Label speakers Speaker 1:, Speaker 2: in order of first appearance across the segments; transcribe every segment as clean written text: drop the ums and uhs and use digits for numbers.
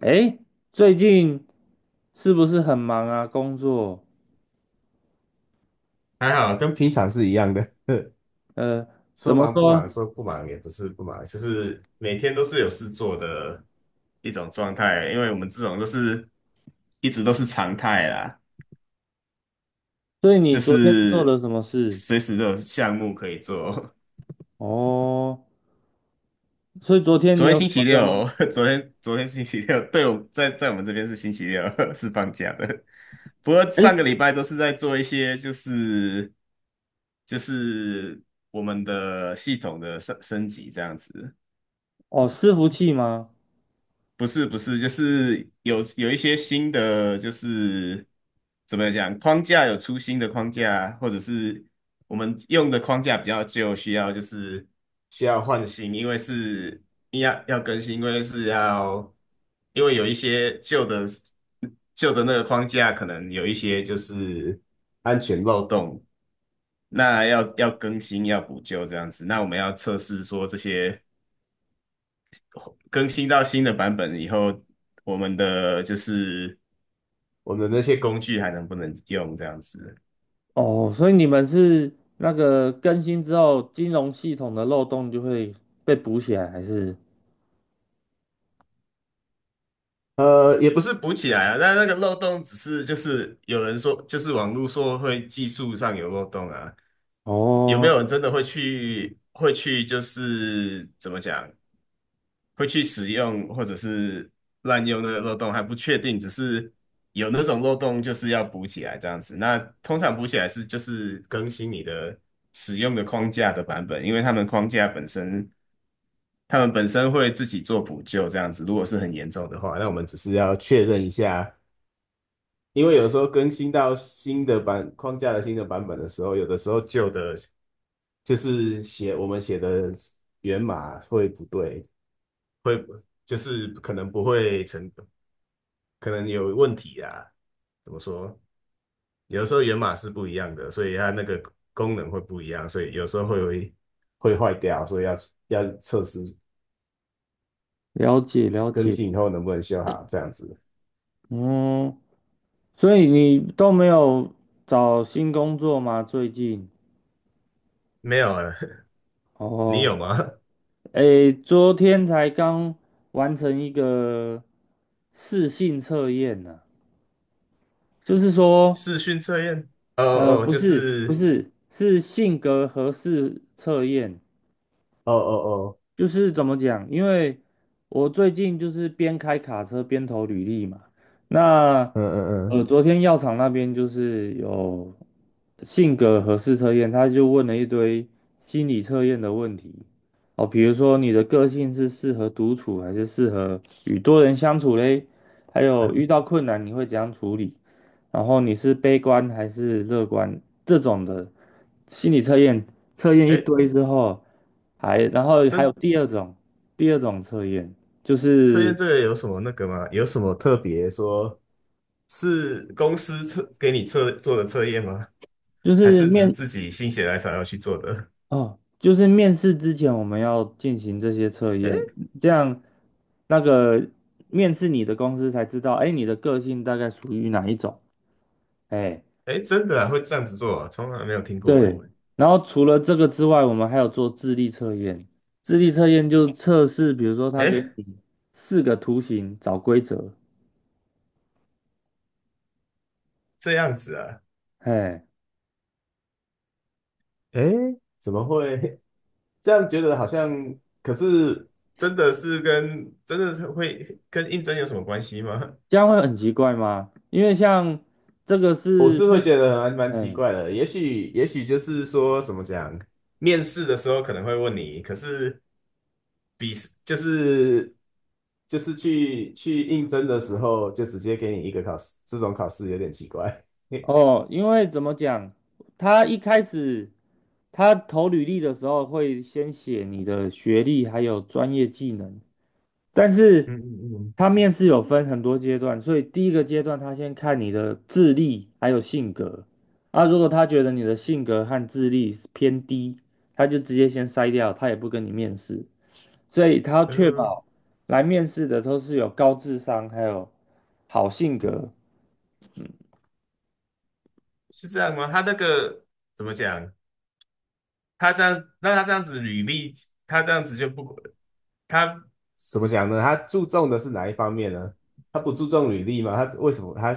Speaker 1: 哎，最近是不是很忙啊？工作？
Speaker 2: 还好，跟平常是一样的。
Speaker 1: 呃，怎
Speaker 2: 说
Speaker 1: 么
Speaker 2: 忙不
Speaker 1: 说？
Speaker 2: 忙，说不忙也不是不忙，就是每天都是有事做的一种状态。因为我们这种都是一直都是常态啦，
Speaker 1: 所以你
Speaker 2: 就
Speaker 1: 昨天做
Speaker 2: 是
Speaker 1: 了什么事？
Speaker 2: 随时都有项目可以做。
Speaker 1: 哦，所以昨 天你
Speaker 2: 昨天
Speaker 1: 有什
Speaker 2: 星
Speaker 1: 么
Speaker 2: 期
Speaker 1: 任务？
Speaker 2: 六，昨天星期六，对，我在我们这边是星期六，是放假的。不过
Speaker 1: 哎，
Speaker 2: 上个礼拜都是在做一些就是就是我们的系统的升级这样子。
Speaker 1: 哦，伺服器吗？
Speaker 2: 不是，就是有一些新的，就是怎么讲，框架有出新的框架，或者是我们用的框架比较旧，需要就是需要换新，因为是要更新，因为是要因为有一些旧的那个框架可能有一些就是安全漏洞，那要更新要补救这样子，那我们要测试说这些。更新到新的版本以后，我们的就是我们的那些工具还能不能用这样子？
Speaker 1: 哦，所以你们是那个更新之后，金融系统的漏洞就会被补起来，还是？
Speaker 2: 呃，也不是补起来啊，但那个漏洞只是就是有人说，就是网络说会技术上有漏洞啊，有没有
Speaker 1: 哦，
Speaker 2: 人真的会去会去就是怎么讲，会去使用或者是滥用那个漏洞还不确定，只是有那种漏洞就是要补起来这样子。那通常补起来是就是更新你的使用的框架的版本，因为他们框架本身。他们本身会自己做补救，这样子。如果是很严重的话，那我们只是要确认一下，因为有时候更新到新的版框架的新的版本的时候，有的时候旧的，就是写我们写的源码会不对，会就是可能不会成，可能有问题啊。怎么说？有的时候源码是不一样的，所以它那个功能会不一样，所以有时候会坏掉，所以要要测试
Speaker 1: 了解了
Speaker 2: 更
Speaker 1: 解。
Speaker 2: 新以后能不能修好，这样子。
Speaker 1: 嗯，所以你都没有找新工作吗？最近？
Speaker 2: 没有啊。你
Speaker 1: 哦。
Speaker 2: 有吗？
Speaker 1: 诶，昨天才刚完成一个试性测验呢、就是说，
Speaker 2: 视讯测验？哦哦，哦
Speaker 1: 不
Speaker 2: 就
Speaker 1: 是不
Speaker 2: 是，
Speaker 1: 是，是性格合适测验，
Speaker 2: 哦哦哦，
Speaker 1: 就是怎么讲？因为我最近就是边开卡车边投履历嘛。那
Speaker 2: 嗯嗯嗯，
Speaker 1: 昨天药厂那边就是有性格核试测验，他就问了一堆心理测验的问题。哦，比如说你的个性是适合独处还是适合与多人相处嘞？还有遇到困难你会怎样处理？然后你是悲观还是乐观这种的心理测验，测验一
Speaker 2: 哎，
Speaker 1: 堆之后，还然后还有
Speaker 2: 这
Speaker 1: 第二种，第二种测验就
Speaker 2: 测
Speaker 1: 是
Speaker 2: 验这个有什么那个吗？有什么特别说？是公司测给你测做的测验吗？
Speaker 1: 就
Speaker 2: 还
Speaker 1: 是
Speaker 2: 是只是
Speaker 1: 面。
Speaker 2: 自己心血来潮要去做的？
Speaker 1: 哦，就是面试之前我们要进行这些测
Speaker 2: 哎
Speaker 1: 验，这样那个面试你的公司才知道，哎，你的个性大概属于哪一种，哎。
Speaker 2: 哎，真的啊，会这样子做啊？从来没有听过
Speaker 1: 对，
Speaker 2: 哎
Speaker 1: 然后除了这个之外，我们还有做智力测验。智力测验就测试，比如说他给
Speaker 2: 哎，
Speaker 1: 你四个图形找规则，
Speaker 2: 这样子啊，
Speaker 1: 嘿，
Speaker 2: 诶，怎么会 这样？觉得好像，可是真的是会跟应征有什么关系吗？
Speaker 1: 这样会很奇怪吗？因为像这个
Speaker 2: 我
Speaker 1: 是
Speaker 2: 是会
Speaker 1: 日，
Speaker 2: 觉得还蛮奇
Speaker 1: 嗯，
Speaker 2: 怪的，也许就是说怎么讲，面试的时候可能会问你，可是比就是就是去应征的时候就直接给你一个考试，这种考试有点奇怪。
Speaker 1: 哦，因为怎么讲，他一开始他投履历的时候会先写你的学历还有专业技能，但是
Speaker 2: 嗯嗯
Speaker 1: 他面试有分很多阶段，所以第一个阶段他先看你的智力还有性格。啊，如果他觉得你的性格和智力偏低，他就直接先筛掉，他也不跟你面试。所以他要
Speaker 2: 嗯
Speaker 1: 确
Speaker 2: 嗯，
Speaker 1: 保来面试的都是有高智商还有好性格。
Speaker 2: 是这样吗？他那个怎么讲？他这样，那他这样子履历，他这样子就不，他怎么讲呢？他注重的是哪一方面呢？他不注重履历吗？他为什么他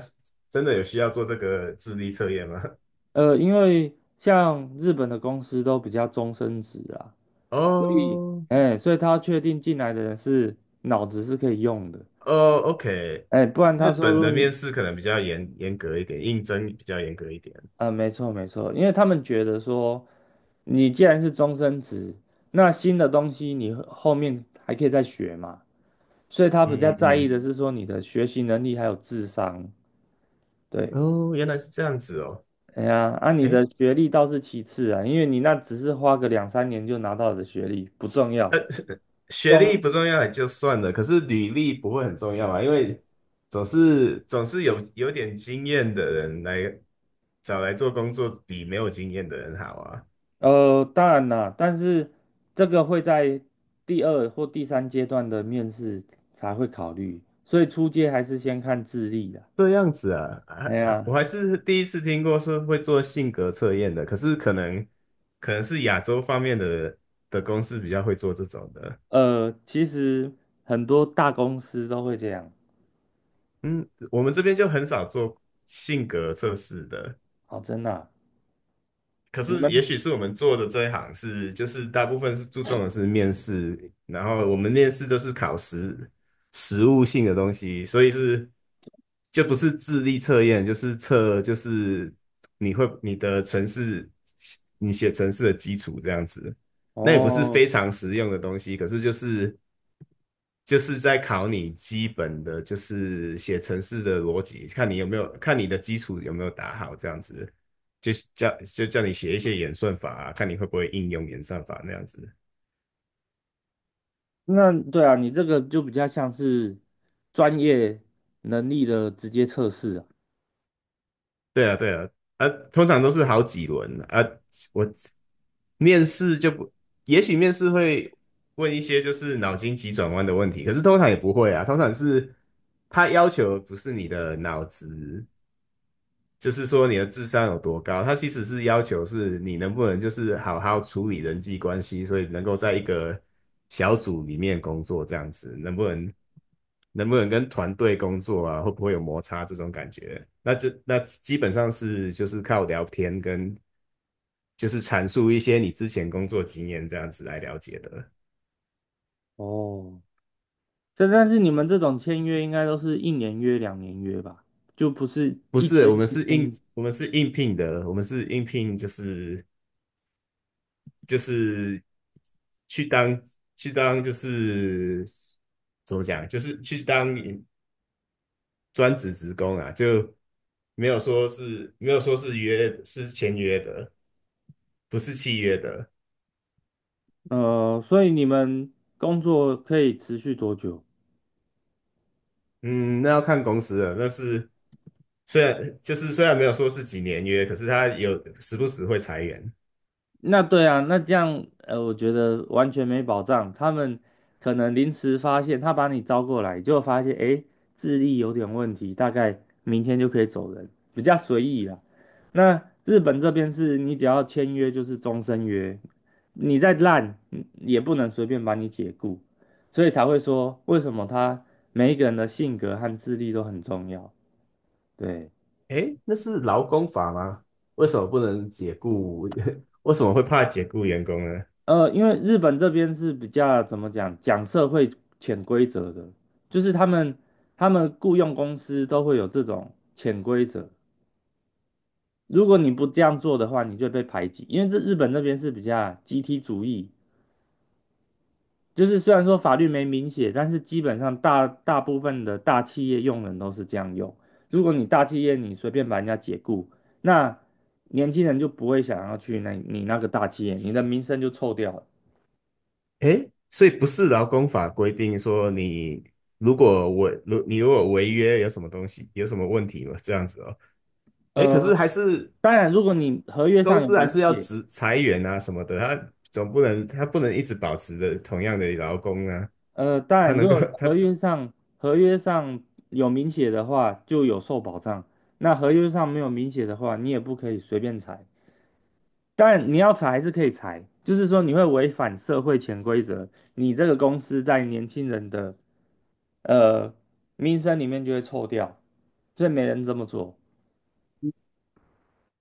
Speaker 2: 真的有需要做这个智力测验吗？
Speaker 1: 因为像日本的公司都比较终身制啊，所以
Speaker 2: 哦
Speaker 1: 哎，所以他要确定进来的人是脑子是可以用的。
Speaker 2: 哦，OK，
Speaker 1: 哎，不然他
Speaker 2: 日本
Speaker 1: 说
Speaker 2: 的面试可能比较严格一点，应征比较严格一点。
Speaker 1: 没错，因为他们觉得说，你既然是终身职，那新的东西你后面还可以再学嘛，所以他比较
Speaker 2: 嗯
Speaker 1: 在意
Speaker 2: 嗯
Speaker 1: 的是说你的学习能力还有智商。对，
Speaker 2: 嗯，哦，原来是这样子哦。
Speaker 1: 哎呀，啊，你
Speaker 2: 哎。
Speaker 1: 的学历倒是其次啊，因为你那只是花个两三年就拿到的学历不重要，
Speaker 2: 学历
Speaker 1: 重
Speaker 2: 不重要也就算了，可是履历不会很重要嘛？因为总是有点经验的人来找来做工作，比没有经验的人好啊。
Speaker 1: 当然啦，但是这个会在第二或第三阶段的面试才会考虑，所以初阶还是先看智力的。
Speaker 2: 这样子啊啊
Speaker 1: 哎
Speaker 2: 啊
Speaker 1: 呀。
Speaker 2: 我还是第一次听过说会做性格测验的，可是可能是亚洲方面的的公司比较会做这种的。
Speaker 1: 其实很多大公司都会这样。
Speaker 2: 嗯，我们这边就很少做性格测试的。
Speaker 1: 哦，真的啊
Speaker 2: 可
Speaker 1: 你
Speaker 2: 是，
Speaker 1: 们
Speaker 2: 也许是我们做的这一行是，就是大部分是注重的是面试，然后我们面试都是考实实务性的东西，所以是就不是智力测验，就是测就是你会你的程式，你写程式的基础这样子。那也不是非
Speaker 1: 哦，
Speaker 2: 常实用的东西，可是就是在考你基本的，就是写程式的逻辑，看你有没有，看你的基础有没有打好，这样子，就叫你写一些演算法啊，看你会不会应用演算法那样子。
Speaker 1: 那对啊，你这个就比较像是专业能力的直接测试啊。
Speaker 2: 对啊，对啊，啊，通常都是好几轮啊。我面试就不，也许面试会问一些就是脑筋急转弯的问题，可是通常也不会啊，通常是他要求不是你的脑子就是说你的智商有多高，它其实是要求是你能不能就是好好处理人际关系，所以能够在一个小组里面工作这样子，能不能跟团队工作啊，会不会有摩擦这种感觉？那就那基本上是就是靠聊天跟就是阐述一些你之前工作经验这样子来了解的。
Speaker 1: 哦，但是你们这种签约应该都是一年约、两年约吧，就不是
Speaker 2: 不
Speaker 1: 一
Speaker 2: 是，
Speaker 1: 签就签。
Speaker 2: 我们是应聘的，我们是应聘就是就是去当就是怎么讲，就是去当专职职工啊，就没有说是约是签约的，不是契约的。
Speaker 1: 所以你们工作可以持续多久？
Speaker 2: 嗯，那要看公司了。那是虽然没有说是几年约，可是他有时不时会裁员。
Speaker 1: 那对啊，那这样我觉得完全没保障。他们可能临时发现，他把你招过来，结果发现诶，智力有点问题，大概明天就可以走人，比较随意啦。那日本这边是你只要签约就是终身约，你再烂嗯也不能随便把你解雇，所以才会说为什么他每一个人的性格和智力都很重要。对。
Speaker 2: 诶，那是劳工法吗？为什么不能解雇？为什么会怕解雇员工呢？
Speaker 1: 因为日本这边是比较怎么讲，讲社会潜规则的，就是他们雇佣公司都会有这种潜规则，如果你不这样做的话，你就会被排挤。因为这日本这边是比较集体主义，就是虽然说法律没明写，但是基本上大部分的大企业用人都是这样用。如果你大企业你随便把人家解雇，那年轻人就不会想要去那你那个大企业，你的名声就臭掉了。
Speaker 2: 诶，所以不是劳工法规定说你，如你如果违约有什么东西，有什么问题吗？这样子哦。诶，可是
Speaker 1: 呃，
Speaker 2: 还是
Speaker 1: 当然，如果你合约
Speaker 2: 公
Speaker 1: 上有
Speaker 2: 司还
Speaker 1: 明
Speaker 2: 是要
Speaker 1: 写，
Speaker 2: 职裁员啊什么的，他不能一直保持着同样的劳工啊，
Speaker 1: 当
Speaker 2: 他
Speaker 1: 然，
Speaker 2: 能
Speaker 1: 如
Speaker 2: 够
Speaker 1: 果
Speaker 2: 他
Speaker 1: 合约上有明写的话，就有受保障。那合约上没有明写的话，你也不可以随便裁。当然，你要裁还是可以裁，就是说你会违反社会潜规则，你这个公司在年轻人的呃名声里面就会臭掉，所以没人这么做。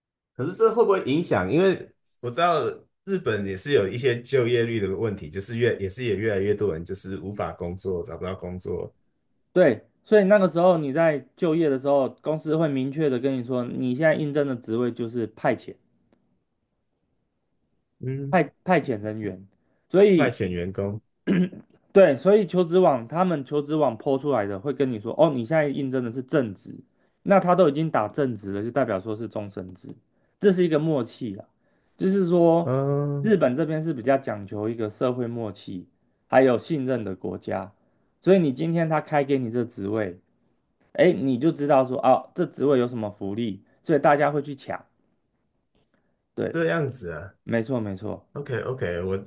Speaker 2: 可是这会不会影响？因为我知道日本也是有一些就业率的问题，就是也是也越来越多人就是无法工作，找不到工作，
Speaker 1: 对，所以那个时候你在就业的时候，公司会明确的跟你说，你现在应征的职位就是派遣。
Speaker 2: 嗯，
Speaker 1: 派遣人员，所
Speaker 2: 派
Speaker 1: 以
Speaker 2: 遣员工，
Speaker 1: 对，所以求职网他们求职网 PO 出来的会跟你说，哦，你现在应征的是正职，那他都已经打正职了，就代表说是终身制，这是一个默契啊，就是说日
Speaker 2: 嗯，
Speaker 1: 本这边是比较讲求一个社会默契，还有信任的国家，所以你今天他开给你这职位，哎，你就知道说，哦，这职位有什么福利，所以大家会去抢，对，
Speaker 2: 这样子啊。
Speaker 1: 没错。
Speaker 2: OK OK，我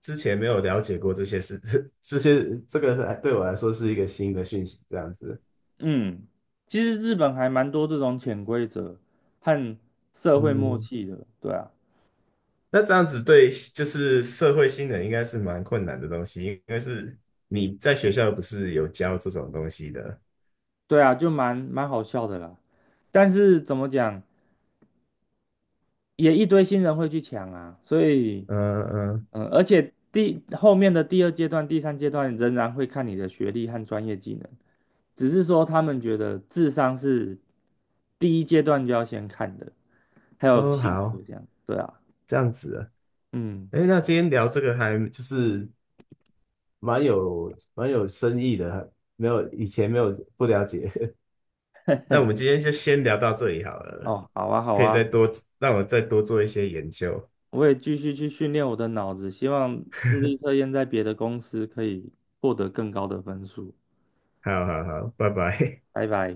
Speaker 2: 之前没有了解过这些事，这个是对我来说是一个新的讯息，这样子。
Speaker 1: 嗯，其实日本还蛮多这种潜规则和社会默
Speaker 2: 嗯，
Speaker 1: 契的，对啊，
Speaker 2: 那这样子对就是社会新人应该是蛮困难的东西，因为是你在学校不是有教这种东西的。
Speaker 1: 对啊，就蛮好笑的啦。但是怎么讲，也一堆新人会去抢啊，所以
Speaker 2: 嗯嗯，
Speaker 1: 嗯，而且第后面的第二阶段、第三阶段仍然会看你的学历和专业技能，只是说他们觉得智商是第一阶段就要先看的，还有
Speaker 2: 哦
Speaker 1: 性格
Speaker 2: 好，
Speaker 1: 这样，对啊，
Speaker 2: 这样子啊。
Speaker 1: 嗯，
Speaker 2: 哎，那今天聊这个还就是蛮有深意的，没有不了解。那我们今天就先聊到这里好了，
Speaker 1: 哦，好啊，好
Speaker 2: 可以再
Speaker 1: 啊，
Speaker 2: 多，让我再多做一些研究。
Speaker 1: 我也继续去训练我的脑子，希望智力测验在别的公司可以获得更高的分数。
Speaker 2: 好好好，拜拜。
Speaker 1: 拜拜。